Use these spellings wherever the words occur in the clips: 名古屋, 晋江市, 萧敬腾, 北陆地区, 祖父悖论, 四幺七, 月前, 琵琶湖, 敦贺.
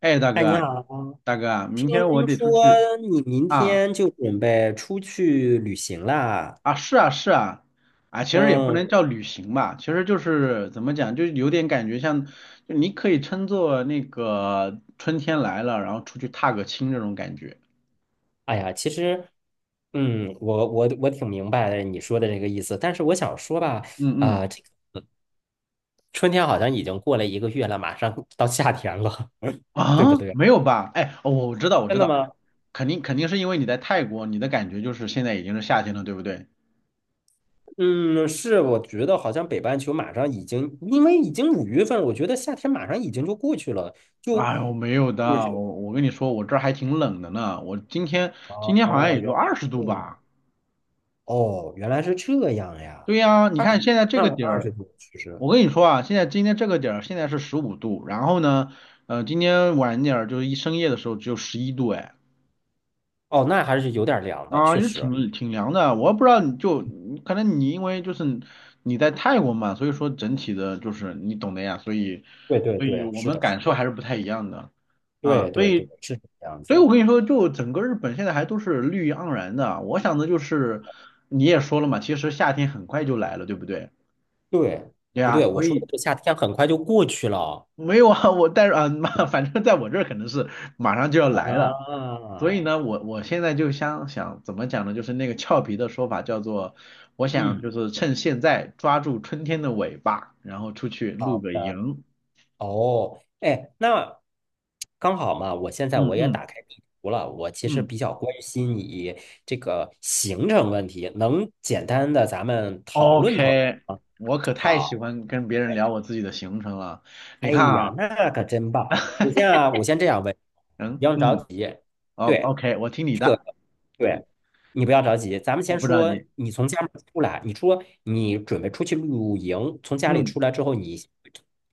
哎，大哎，哥你啊，好，明天我听得出说去。你明啊天就准备出去旅行啦？是啊是啊。啊，其实也不能嗯。叫旅行吧，其实就是怎么讲，就有点感觉像，就你可以称作那个春天来了，然后出去踏个青这种感觉。哎呀，其实，嗯，我挺明白你说的这个意思，但是我想说吧，嗯嗯。这个春天好像已经过了一个月了，马上 到夏天了，对不啊，对？没有吧？哎，哦，我知道我知真的道。吗？肯定肯定是因为你在泰国，你的感觉就是现在已经是夏天了，对不对？嗯，是，我觉得好像北半球马上已经，因为已经5月份了，我觉得夏天马上已经就过去了，就哎我没有就的，是我跟你说，我这儿还挺冷的呢，我今天哦好像哦，也就原20度来。吧。哦，原来是这样呀。对呀，你二，看现在这那个点二儿，十度其实，我跟你说啊，现在今天这个点儿现在是15度，然后呢，今天晚点儿就是一深夜的时候只有11度。哎，哦，那还是有点凉的，确啊，就实。挺凉的。我不知道你就可能你因为就是你在泰国嘛，所以说整体的就是你懂的呀，所以对对所以对，我是们的，是感受的，还是不太一样的。啊，对所对对，以是这样所以我子。跟你说，就整个日本现在还都是绿意盎然的。我想的就是你也说了嘛，其实夏天很快就来了，对不对？对，对不对？呀，我所说的以。这夏天很快就过去了 没有啊，我但是啊，妈，反正在我这儿可能是马上就要来了。啊。所以呢，我现在就想想怎么讲呢，就是那个俏皮的说法叫做，我想就嗯，是趁现在抓住春天的尾巴，然后出去露好个的。营。哦，哎，那刚好嘛，我现在嗯我也嗯打开地图了。我其实嗯比较关心你这个行程问题，能简单的咱们讨论讨论，OK，吗？我可太喜好。欢跟别人哎聊我自己的行程了。你哎看呀，啊。那可真棒！你 像我先这样问，不嗯用着嗯，急。哦 对，OK，我听你这个，的，对，你不要着急。咱们我先不着说，急。你从家门出来，你说你准备出去露营，从家里嗯。出来之后，你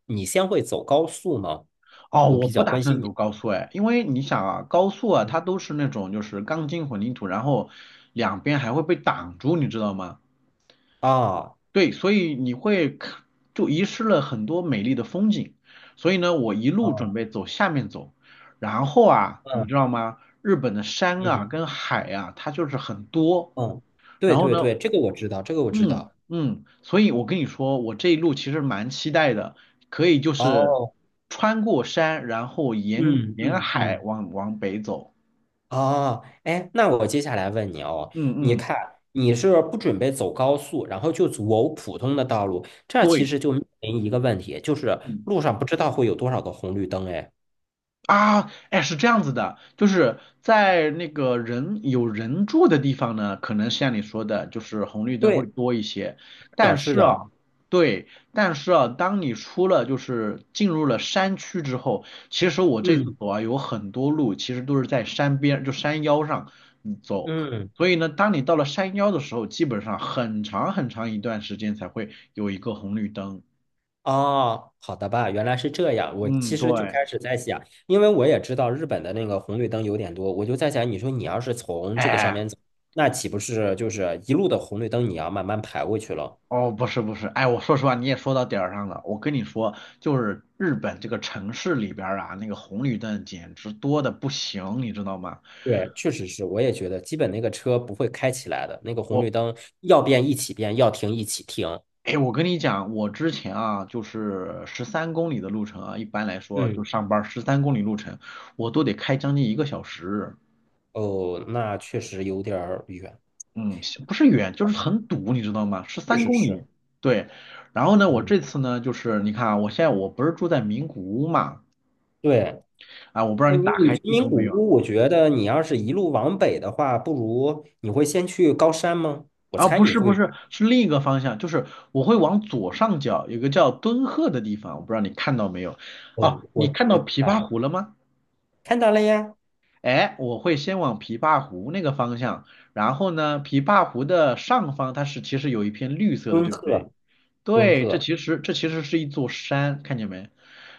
你先会走高速吗？哦，我我比不较打关算心走你。高速哎，因为你想啊，高速啊，它都是那种就是钢筋混凝土，然后两边还会被挡住，你知道吗？啊，对，所以你会看就遗失了很多美丽的风景。所以呢，我一路准哦，备走下面走，然后啊，你嗯知道吗？日本的山啊嗯跟海啊，它就是很多。嗯，对然后对呢，对，这个我知道，这个我知嗯道。嗯，所以我跟你说，我这一路其实蛮期待的，可以就是哦，穿过山，然后沿嗯沿嗯海嗯。往北走。哦，哎，那我接下来问你哦，你嗯嗯，看你是不准备走高速，然后就走普通的道路，这其对，实就面临一个问题，就是嗯。路上不知道会有多少个红绿灯，哎，啊，哎，是这样子的，就是在那个人有人住的地方呢，可能像你说的，就是红绿灯会对，多一些。是但的，是是的，啊，对，但是啊，当你出了就是进入了山区之后，其实我这次嗯走啊，有很多路其实都是在山边，就山腰上嗯走。嗯，所以呢，当你到了山腰的时候，基本上很长很长一段时间才会有一个红绿灯。哦，好的吧，原来是这样，我嗯，其实就对，开始在想，因为我也知道日本的那个红绿灯有点多，我就在想，你说你要是从这个上哎。面走，那岂不是就是一路的红绿灯，你要慢慢排过去了？哦，不是不是，哎，我说实话，你也说到点儿上了。我跟你说，就是日本这个城市里边儿啊，那个红绿灯简直多的不行，你知道吗？对，确实是，我也觉得，基本那个车不会开起来的，那个红我，绿灯要变一起变，要停一起停。哎，我跟你讲，我之前啊，就是十三公里的路程啊，一般来说就嗯，上班十三公里路程，我都得开将近一个小时。哦，那确实有点儿远，嗯，不是远，就是很堵，你知道吗？十确三实公是。里。对，然后呢，我嗯，这次呢，就是你看啊，我现在我不是住在名古屋嘛，对，啊，我不知那道你你打你开贫地图民古没有。屋，我觉得你要是一路往北的话，不如你会先去高山吗？我啊，猜不你是不会。是，是另一个方向，就是我会往左上角有个叫敦贺的地方，我不知道你看到没有？哦，哦，我你看到知琵琶道，湖了吗？看到了呀，哎，我会先往琵琶湖那个方向，然后呢，琵琶湖的上方它是其实有一片绿色的，敦对不对？贺，敦对，贺。这其实是一座山，看见没？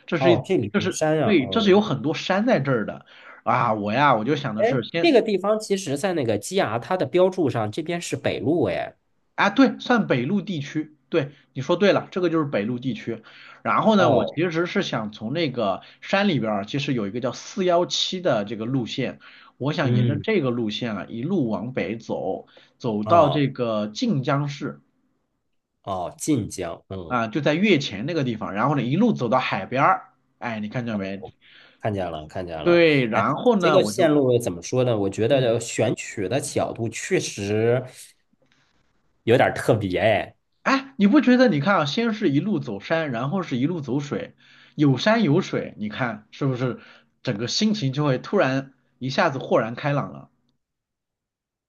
这是哦，一这里这的是山啊，对，这是有哦，很多山在这儿的。啊！我呀，我就想的是这先个地方其实在那个基牙它的标注上，这边是北路，哎，啊，对，算北陆地区。对，你说对了，这个就是北陆地区。然后呢，我其哦。实是想从那个山里边儿，其实有一个叫四幺七的这个路线，我想沿着嗯，这个路线啊，一路往北走，走到这哦个晋江市哦，晋江，嗯，啊，就在月前那个地方。然后呢，一路走到海边儿，哎，你看见哦，没？看见了，看见了。对，哎，然后这呢，个我线就路怎么说呢？我觉嗯。得选取的角度确实有点儿特别，哎，哎，你不觉得？你看啊，先是一路走山，然后是一路走水，有山有水，你看是不是整个心情就会突然一下子豁然开朗了？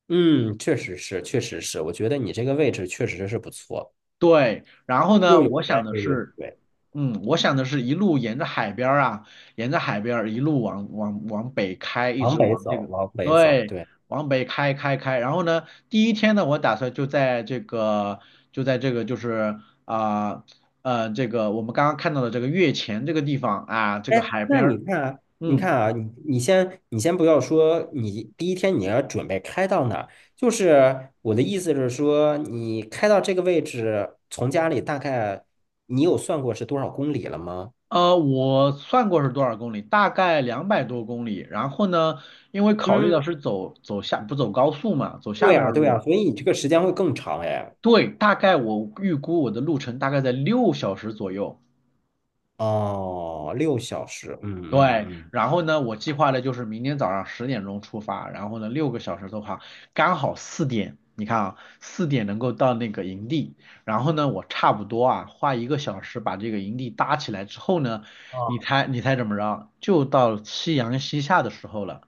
嗯，确实是，确实是。我觉得你这个位置确实是不错，对，然后又呢，有我想山的又有是，水，嗯，我想的是一路沿着海边儿啊，沿着海边儿一路往北开，一往直北往这走，个，往北走，对，对。往北开。然后呢，第一天呢，我打算就在这个就是啊这个我们刚刚看到的这个月前这个地方啊，这个哎，海那边你儿。看啊，你嗯。看啊，你先不要说，你第一天你要准备开到哪儿？就是我的意思是说，你开到这个位置，从家里大概你有算过是多少公里了吗？我算过是多少公里，大概200多公里。然后呢，因为考虑到嗯，是走下不走高速嘛，走下对边儿呀，的对路呀，嘛。所以你这个时间会更长哎。对，大概我预估我的路程大概在6小时左右。哦，六小时，嗯嗯对，嗯。然后呢，我计划的就是明天早上10点钟出发，然后呢，6个小时的话，刚好四点。你看啊，四点能够到那个营地，然后呢，我差不多啊，花一个小时把这个营地搭起来之后呢，你哦猜你猜怎么着？就到夕阳西下的时候了。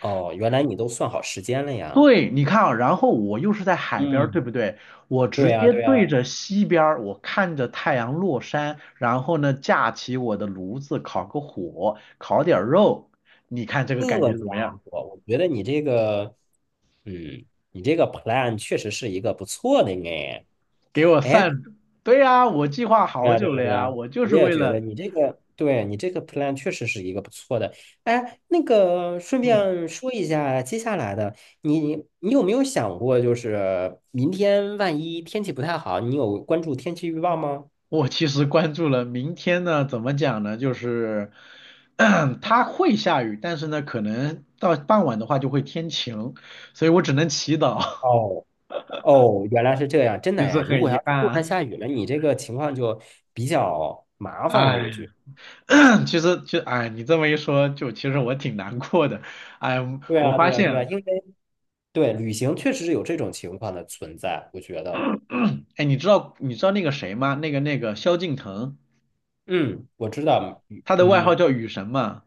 哦，原来你都算好时间了呀。对，你看啊，然后我又是在海边儿，对不嗯，对？我对直呀，接对对呀，着西边儿，我看着太阳落山，然后呢，架起我的炉子，烤个火，烤点儿肉，你看这个感这觉怎么家样？伙，我觉得你这个。嗯，你这个 plan 确实是一个不错的呢。给我哎，散，对呀，我计划对好啊，对久啊，了对呀，啊，我就我是也为觉得了。你这个，对你这个 plan 确实是一个不错的。哎，那个顺嗯，便说一下，接下来的你，你有没有想过，就是明天万一天气不太好，你有关注天气预报吗？我其实关注了明天呢，怎么讲呢？就是 它会下雨，但是呢，可能到傍晚的话就会天晴，所以我只能祈祷。哦哦，原来是这样，真 的就哎。是如很果要遗是憾突然啊。下雨了，你这个情况就比较麻烦了，我哎，觉得。其实就哎，你这么一说，就其实我挺难过的。哎，对我啊，发对啊，对啊，现。因为对，旅行确实是有这种情况的存在，我觉得。哎，你知道你知道那个谁吗？那个萧敬腾，嗯，我知道。嗯，他的外号嗯叫雨神嘛，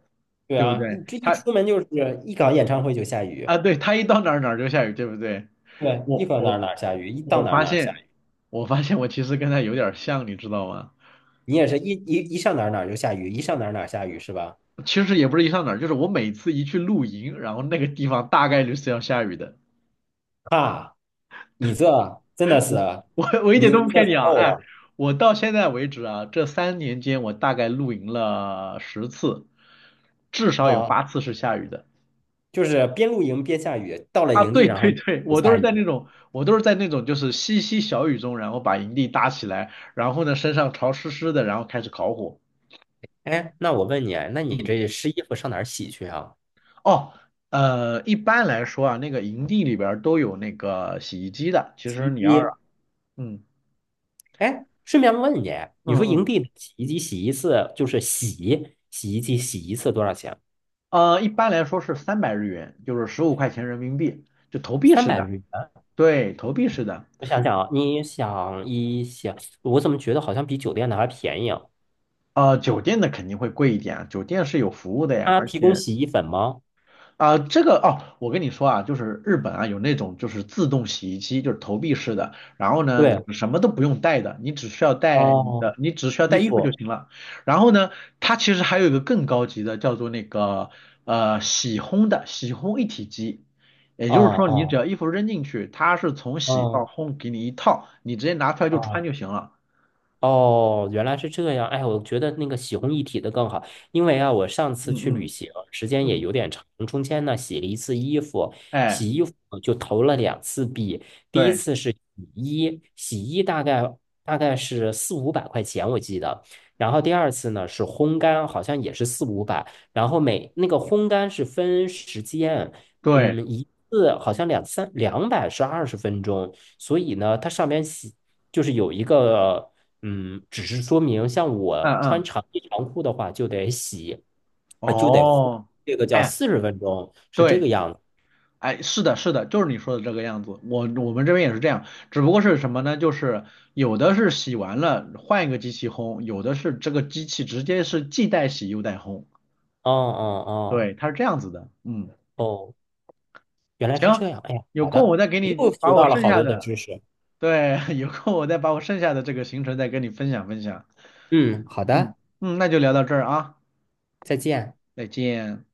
对对不啊，对？一这一他出门就是一搞演唱会就下雨，啊，对，他一到哪儿哪儿就下雨，对不对？对，一我搞哪我儿哪儿下雨，一我到哪儿发哪儿下现，雨。我发现我其实跟他有点儿像，你知道吗？你也是一上哪儿哪儿就下雨，一上哪儿哪儿下雨是吧？其实也不是一上哪儿，就是我每次一去露营，然后那个地方大概率是要下雨的。啊，你这真的 是，我我我一点你都不你这骗你啊，够哎，了我到现在为止啊，这3年间我大概露营了10次，至少有啊！8次是下雨的。就是边露营边下雨，到了啊，营地对然对后就对，我都下是在那雨。种，我都是在那种就是淅淅小雨中，然后把营地搭起来，然后呢身上潮湿湿的，然后开始烤火。哎，那我问你，那你嗯，这湿衣服上哪儿洗去啊？哦，一般来说啊，那个营地里边儿都有那个洗衣机的，其洗实你要衣是，机。嗯哎，顺便问你，你嗯说营嗯，地的洗衣机洗一次就是洗衣机洗一次多少钱？一般来说是300日元，就是15块钱人民币，就投币三式百的。日元。对，投币式的。我想想啊，你想一想，我怎么觉得好像比酒店的还便宜啊？酒店的肯定会贵一点啊，酒店是有服务的呀，他而提供且洗衣粉吗？啊、这个哦，我跟你说啊，就是日本啊有那种就是自动洗衣机，就是投币式的，然后呢，你对，什么都不用带的，你只需要带你哦，的，你只需要衣带衣服就服，行了。然后呢，它其实还有一个更高级的，叫做那个洗烘一体机。也哦就是说，你只哦要衣服扔进去，它是从洗到哦烘给你一套，你直接拿出来就哦穿就行了。哦，原来是这样。哎，我觉得那个洗烘一体的更好，因为啊，我上次嗯去嗯旅行，时间也嗯，有点长，中间呢洗了一次衣服，哎，洗衣服就投了2次币。第一对。次是洗衣，洗衣大概是四五百块钱，我记得。然后第二次呢是烘干，好像也是四五百。然后每那个烘干是分时间，对，嗯，一次好像两三两百是20分钟，所以呢，它上面洗就是有一个。嗯，只是说明像嗯我穿嗯，长衣长裤的话，就得洗，就得呼，哦，这个叫哎，40分钟，是这对，个样子。哎，是的，是的，就是你说的这个样子。我们这边也是这样，只不过是什么呢？就是有的是洗完了换一个机器烘，有的是这个机器直接是既带洗又带烘。哦哦对，哦它是这样子的。嗯，哦，原来是行，这样。哎呀，有好空我的，再给你又学把我到了剩好下多的的，知识。对，有空我再把我剩下的这个行程再跟你分享分享。嗯，好嗯的，嗯，那就聊到这儿啊，再见。再见。